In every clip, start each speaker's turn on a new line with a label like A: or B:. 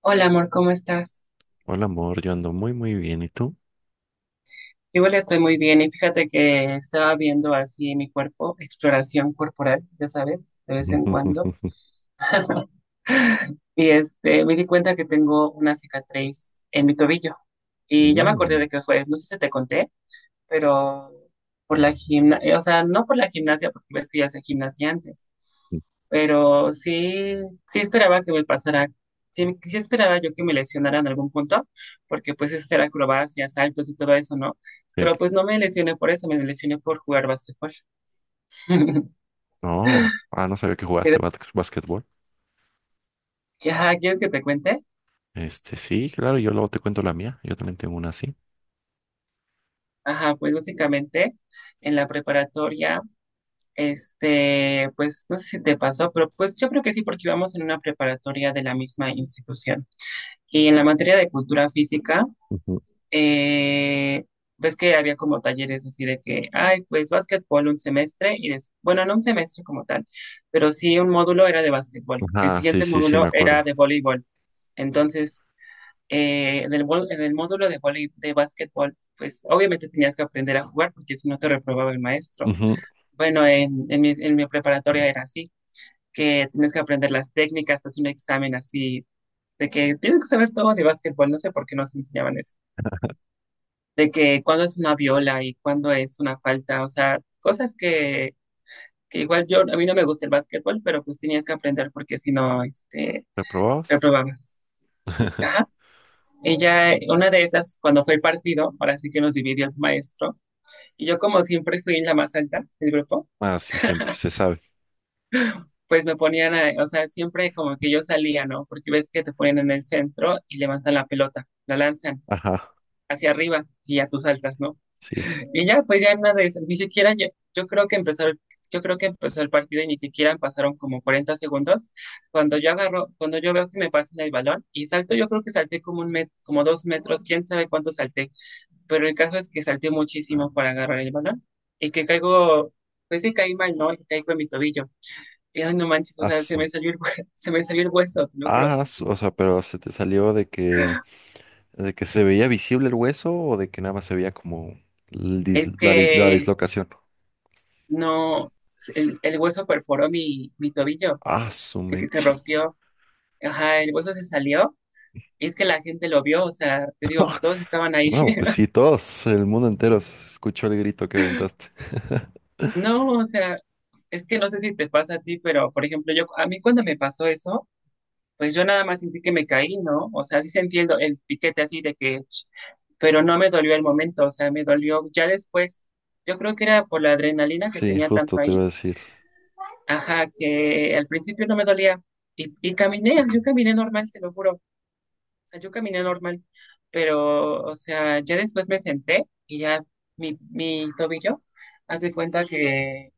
A: Hola amor, ¿cómo estás?
B: Hola amor, yo ando muy muy bien, ¿y tú?
A: Yo igual estoy muy bien y fíjate que estaba viendo así mi cuerpo, exploración corporal, ya sabes, de vez en cuando, me di cuenta que tengo una cicatriz en mi tobillo y ya me acordé
B: Mm,
A: de qué fue, no sé si te conté, pero por la gimnasia, o sea, no por la gimnasia porque ves que yo hacía gimnasia antes, pero sí, sí esperaba que me pasara, sí, sí esperaba yo que me lesionara en algún punto, porque pues es hacer acrobacias, saltos y todo eso, ¿no?
B: sí.
A: Pero pues no me lesioné por eso, me lesioné por jugar básquetbol.
B: No, no sabía que
A: ¿Quieres
B: básquetbol.
A: ajá, ¿quieres que te cuente?
B: Sí, claro, yo luego te cuento la mía, yo también tengo una así.
A: Ajá, pues básicamente en la preparatoria, pues no sé si te pasó, pero pues yo creo que sí, porque íbamos en una preparatoria de la misma institución. Y en la materia de cultura física,
B: Ujú.
A: eh, ves que había como talleres así de que, ay, pues básquetbol un semestre y bueno, no un semestre como tal, pero sí un módulo era de básquetbol. El
B: Ah, sí,
A: siguiente
B: sí, sí, me
A: módulo
B: acuerdo.
A: era de voleibol. Entonces, en en el módulo de de básquetbol, pues obviamente tenías que aprender a jugar porque si no te reprobaba el maestro.
B: Ujú.
A: Bueno, en mi preparatoria era así, que tienes que aprender las técnicas, te haces un examen así, de que tienes que saber todo de básquetbol, no sé por qué nos enseñaban eso de que cuándo es una viola y cuándo es una falta, o sea, cosas que igual yo, a mí no me gusta el básquetbol, pero pues tenías que aprender porque si no,
B: ¿Reprobabas?
A: reprobabas. Ajá. Ella, una de esas, cuando fue el partido, ahora sí que nos dividió el maestro, y yo como siempre fui la más alta del grupo,
B: Ah, sí, siempre, se sabe.
A: pues me ponían, o sea, siempre como que yo salía, ¿no? Porque ves que te ponen en el centro y levantan la pelota, la lanzan
B: Ajá,
A: hacia arriba y ya tú saltas, ¿no?
B: sí.
A: Y ya, pues ya en una de esas, ni siquiera yo, yo creo que empezó el, yo creo que empezó el partido y ni siquiera pasaron como 40 segundos. Cuando yo agarro, cuando yo veo que me pasan el balón y salto, yo creo que salté como como 2 metros, quién sabe cuánto salté, pero el caso es que salté muchísimo para agarrar el balón y que caigo, pues sí caí mal, ¿no? Y caigo en mi tobillo. Y ay, no manches, o sea, se
B: Aso.
A: me salió se me salió el hueso, te lo juro.
B: Ah, aso, o sea, pero se te salió de que se veía visible el hueso o de que nada más se veía como el
A: Es
B: dis- la
A: que
B: dislocación.
A: no, el hueso perforó mi tobillo,
B: Ah, su
A: de que se
B: mecha.
A: rompió. Ajá, el hueso se salió y es que la gente lo vio, o sea, te digo, pues todos estaban ahí.
B: No, pues sí, todos, el mundo entero escuchó el grito que aventaste.
A: No, o sea, es que no sé si te pasa a ti, pero por ejemplo, yo, a mí cuando me pasó eso, pues yo nada más sentí que me caí, ¿no? O sea, sí sentí el piquete así de que, pero no me dolió el momento, o sea, me dolió ya después. Yo creo que era por la adrenalina que
B: Sí,
A: tenía
B: justo
A: tanto
B: te iba
A: ahí.
B: a decir.
A: Ajá, que al principio no me dolía. Y caminé, yo caminé normal, se lo juro. O sea, yo caminé normal, pero, o sea, ya después me senté y ya mi tobillo hace cuenta que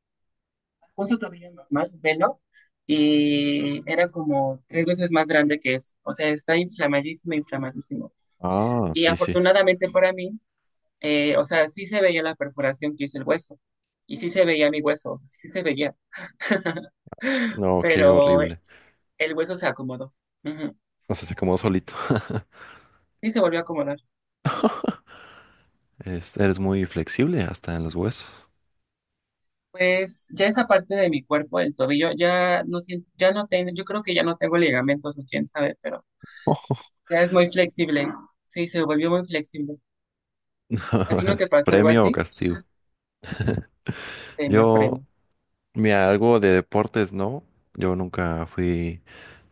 A: punto tobillo normal, velo, y era como tres veces más grande que eso. O sea, está inflamadísimo, inflamadísimo.
B: Ah,
A: Y
B: sí, sí.
A: afortunadamente para mí, o sea, sí se veía la perforación que hizo el hueso y sí se veía mi hueso, o sea, sí se veía,
B: No, qué
A: pero
B: horrible.
A: el hueso se acomodó. Ujú.
B: O sea, se acomodó solito.
A: Sí se volvió a acomodar.
B: Eres muy flexible hasta en los huesos.
A: Pues ya esa parte de mi cuerpo, el tobillo, ya no siento, ya no tengo, yo creo que ya no tengo ligamentos o quién sabe, pero ya es muy flexible. Sí, se volvió muy flexible. ¿A ti no te pasó algo
B: Premio o
A: así?
B: castigo.
A: Premio,
B: Yo,
A: premio.
B: mira, algo de deportes, no. Yo nunca fui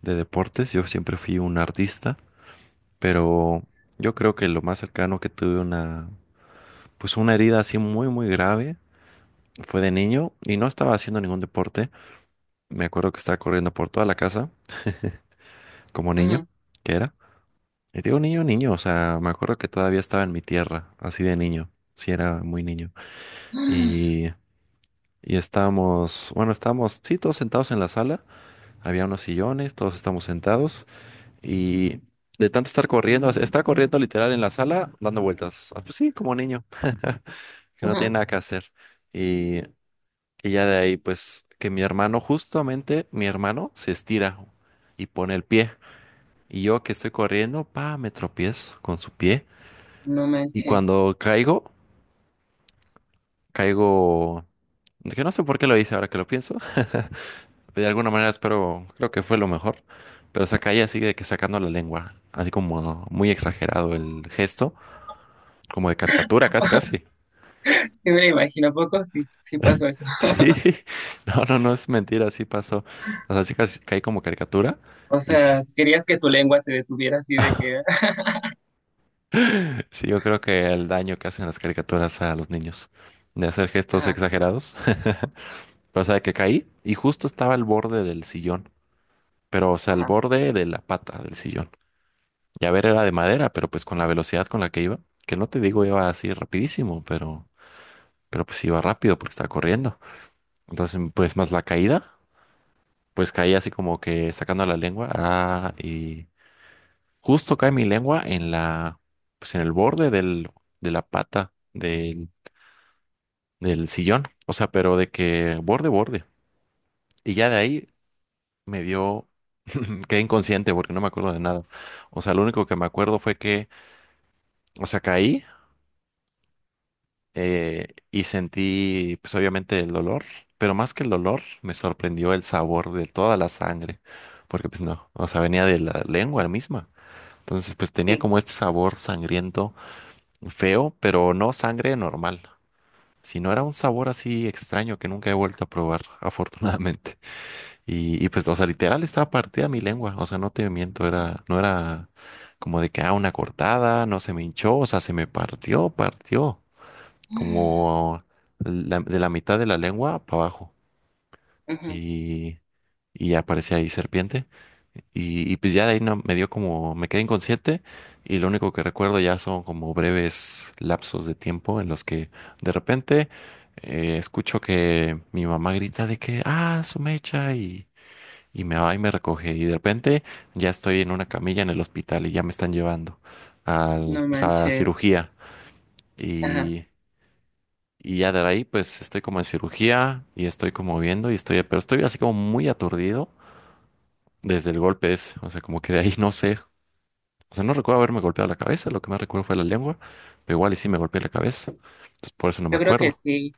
B: de deportes. Yo siempre fui un artista, pero yo creo que lo más cercano que tuve una, pues una herida así muy, muy grave fue de niño y no estaba haciendo ningún deporte. Me acuerdo que estaba corriendo por toda la casa como niño,
A: Ajá.
B: que era. Y digo niño, niño, o sea, me acuerdo que todavía estaba en mi tierra, así de niño, sí era muy niño. Y, y estábamos, bueno, estábamos, sí, todos sentados en la sala, había unos sillones, todos estábamos sentados y de tanto estar corriendo, o sea, estaba corriendo literal en la sala, dando vueltas. Ah, pues sí, como niño, que no tiene
A: Ajá.
B: nada que hacer. Y Y ya de ahí, pues, que mi hermano, justamente mi hermano, se estira y pone el pie. Y yo que estoy corriendo, pa, me tropiezo con su pie.
A: No
B: Y
A: manches.
B: cuando caigo, caigo... Que no sé por qué lo hice ahora que lo pienso. De alguna manera espero, creo que fue lo mejor. Pero se caía así de que sacando la lengua. Así como muy exagerado el gesto. Como de caricatura, casi, casi.
A: Sí me lo imagino, ¿a poco sí, sí pasó eso?
B: Sí. No, no, no es mentira, así pasó. O sea, sí casi caí como caricatura.
A: O
B: Y,
A: sea,
B: s-
A: querías que tu lengua te detuviera así de que...
B: Sí, yo creo que el daño que hacen las caricaturas a los niños de hacer gestos
A: Ajá,
B: exagerados. Pero, o sea, que caí y justo estaba al borde del sillón, pero, o sea, al
A: ajá,
B: borde de la pata del sillón. Y a ver, era de madera, pero pues con la velocidad con la que iba, que no te digo iba así rapidísimo, pero pues iba rápido porque estaba corriendo. Entonces, pues más la caída, pues caí así como que sacando la lengua. Ah, y justo cae mi lengua en la, pues en el borde del, de la pata del sillón, o sea, pero de que borde, borde. Y ya de ahí me dio, quedé inconsciente porque no me acuerdo de nada. O sea, lo único que me acuerdo fue que, o sea, caí y sentí, pues obviamente el dolor, pero más que el dolor, me sorprendió el sabor de toda la sangre, porque pues no, o sea, venía de la lengua misma. Entonces, pues tenía
A: sí.
B: como este sabor sangriento, feo, pero no sangre normal, sino era un sabor así extraño que nunca he vuelto a probar, afortunadamente. Y pues, o sea, literal estaba partida mi lengua, o sea, no te miento, era, no era como de que, ah, una cortada, no se me hinchó, o sea, se me partió, partió, como de la mitad de la lengua para abajo.
A: Ujú.
B: Y, y ya aparecía ahí serpiente. Y pues ya de ahí no, me dio como, me quedé inconsciente y lo único que recuerdo ya son como breves lapsos de tiempo en los que de repente escucho que mi mamá grita de que, ah, su mecha y... Y me va y me recoge. Y de repente ya estoy en una camilla en el hospital y ya me están llevando al,
A: No
B: pues, a
A: manches.
B: cirugía.
A: Ajá.
B: Y, y ya de ahí pues estoy como en cirugía y estoy como viendo y estoy, pero estoy así como muy aturdido desde el golpe ese. O sea, como que de ahí no sé. O sea, no recuerdo haberme golpeado la cabeza, lo que más recuerdo fue la lengua, pero igual y sí me golpeé la cabeza. Entonces por eso no me
A: Yo creo que
B: acuerdo.
A: sí.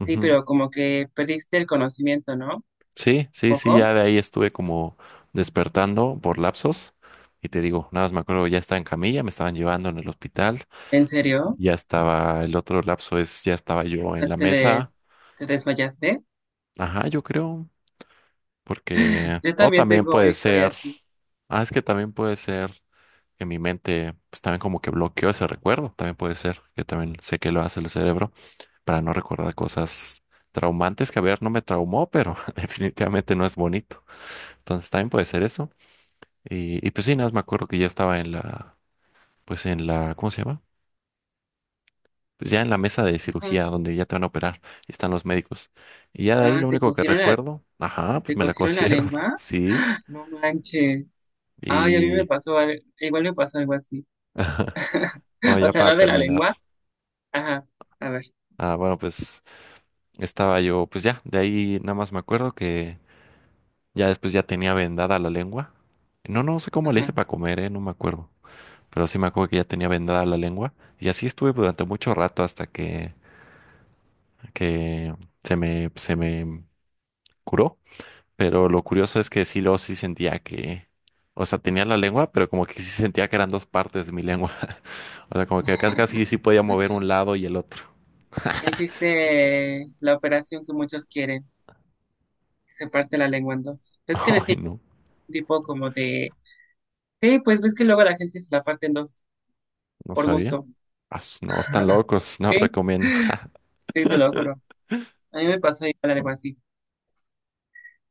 A: Sí,
B: Ujú.
A: pero como que perdiste el conocimiento, ¿no? Un
B: Sí, sí, sí,
A: poco.
B: ya de ahí estuve como despertando por lapsos. Y te digo, nada más me acuerdo, ya estaba en camilla, me estaban llevando en el hospital.
A: ¿En serio?
B: Ya estaba, el otro lapso es, ya estaba
A: O
B: yo en
A: sea,
B: la
A: te
B: mesa.
A: des, te desmayaste.
B: Ajá, yo creo, porque,
A: Yo
B: o
A: también
B: también
A: tengo una
B: puede
A: historia
B: ser,
A: así.
B: ah, es que también puede ser que mi mente, pues también como que bloqueó ese recuerdo. También puede ser, que también sé que lo hace el cerebro para no recordar cosas traumantes que, a ver, no me traumó, pero definitivamente no es bonito. Entonces también puede ser eso. Y pues sí, nada más me acuerdo que ya estaba en la, pues en la, ¿cómo se llama? Pues ya en la mesa de
A: Ajá.
B: cirugía donde ya te van a operar y están los médicos. Y ya de ahí
A: Ah,
B: lo único que recuerdo, ajá, pues
A: te
B: me la
A: cosieron la
B: cosieron,
A: lengua.
B: sí.
A: No manches. Ay, a mí me
B: Y
A: pasó, igual me pasó algo así.
B: bueno,
A: O
B: ya
A: sea,
B: para
A: no de la
B: terminar,
A: lengua. Ajá. A ver.
B: ah, bueno, pues estaba yo, pues ya, de ahí nada más me acuerdo que ya después ya tenía vendada la lengua. No, no sé cómo le hice
A: Ajá.
B: para comer, no me acuerdo. Pero sí me acuerdo que ya tenía vendada la lengua. Y así estuve durante mucho rato hasta que se me curó. Pero lo curioso es que sí, luego sí sentía que, o sea, tenía la lengua, pero como que sí sentía que eran dos partes de mi lengua. O sea, como que casi casi sí podía mover un lado y el otro.
A: Hiciste la operación que muchos quieren, que se parte la lengua en dos. ¿Ves que le
B: Ay,
A: hicieron
B: no,
A: un tipo como de...? Sí, pues ves que luego la gente se la parte en dos,
B: no
A: por
B: sabía.
A: gusto.
B: No, están locos, no
A: Sí,
B: recomiendo.
A: sí, te lo juro. A mí me pasó igual algo así.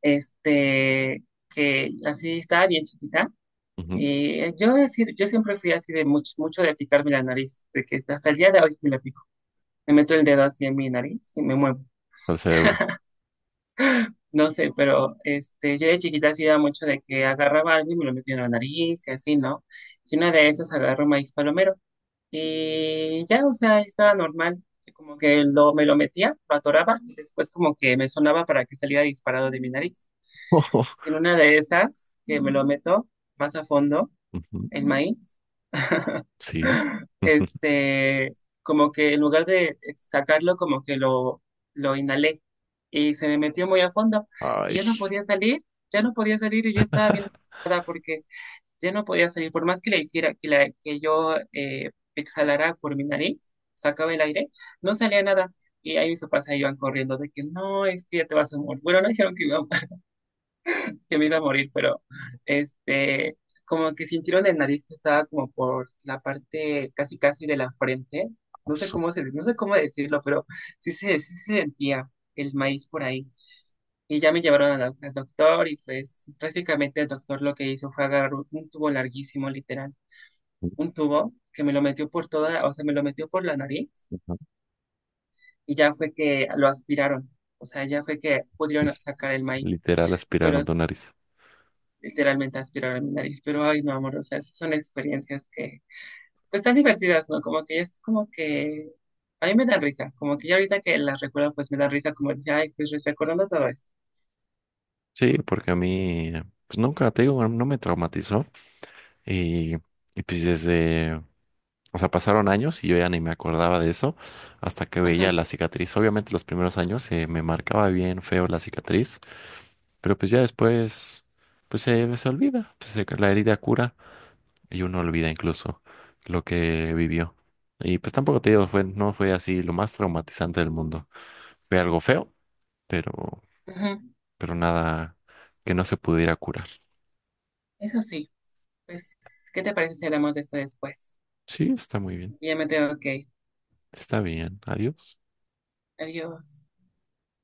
A: este, que así estaba bien chiquita.
B: Ujú.
A: Y yo, yo siempre fui así de mucho, mucho de picarme la nariz, de que hasta el día de hoy me la pico. Me meto el dedo así en mi nariz y me muevo.
B: Está el cerebro.
A: No sé, pero yo de chiquita hacía mucho de que agarraba algo y me lo metía en la nariz y así, ¿no? Y una de esas agarró maíz palomero. Y ya, o sea, yo estaba normal. Como que me lo metía, lo atoraba y después como que me sonaba para que saliera disparado de mi nariz. En una de esas, que me lo meto más a fondo,
B: Ujú.
A: el maíz,
B: Sí.
A: este, como que en lugar de sacarlo, como que lo inhalé y se me metió muy a fondo y
B: Ay,
A: ya no podía salir, ya no podía salir y yo estaba bien preocupada porque ya no podía salir, por más que le hiciera, que yo exhalara por mi nariz, sacaba el aire, no salía nada. Y ahí mis papás se iban corriendo de que no, es que ya te vas a morir. Bueno, no dijeron que iba que me iba a morir, pero este, como que sintieron el nariz que estaba como por la parte casi casi de la frente. No sé
B: eso.
A: cómo se, no sé cómo decirlo, pero sí se sentía el maíz por ahí. Y ya me llevaron a al doctor y pues prácticamente el doctor lo que hizo fue agarrar un tubo larguísimo, literal, un tubo que me lo metió por toda, o sea, me lo metió por la nariz y ya fue que lo aspiraron. O sea, ya fue que pudieron sacar el maíz,
B: Literal
A: pero
B: aspiraron tu nariz.
A: literalmente aspirar a mi nariz, pero ay, no, amor, o sea, esas son experiencias que, pues, tan divertidas, ¿no? Como que es como que, a mí me dan risa, como que ya ahorita que las recuerdo, pues me dan risa, como dice, ay, pues recordando todo esto.
B: Sí, porque a mí, pues nunca te digo, no me traumatizó. Y, y pues desde, o sea, pasaron años y yo ya ni me acordaba de eso hasta que
A: Ajá,
B: veía la cicatriz. Obviamente los primeros años me marcaba bien feo la cicatriz, pero pues ya después, se olvida, la herida cura y uno olvida incluso lo que vivió. Y pues tampoco te digo, fue, no fue así lo más traumatizante del mundo. Fue algo feo, pero,
A: ajá.
B: pero nada que no se pudiera curar.
A: Eso sí, pues, ¿qué te parece si hablamos de esto después?
B: Sí, está muy bien.
A: Ya me tengo que ir.
B: Está bien. Adiós.
A: Adiós.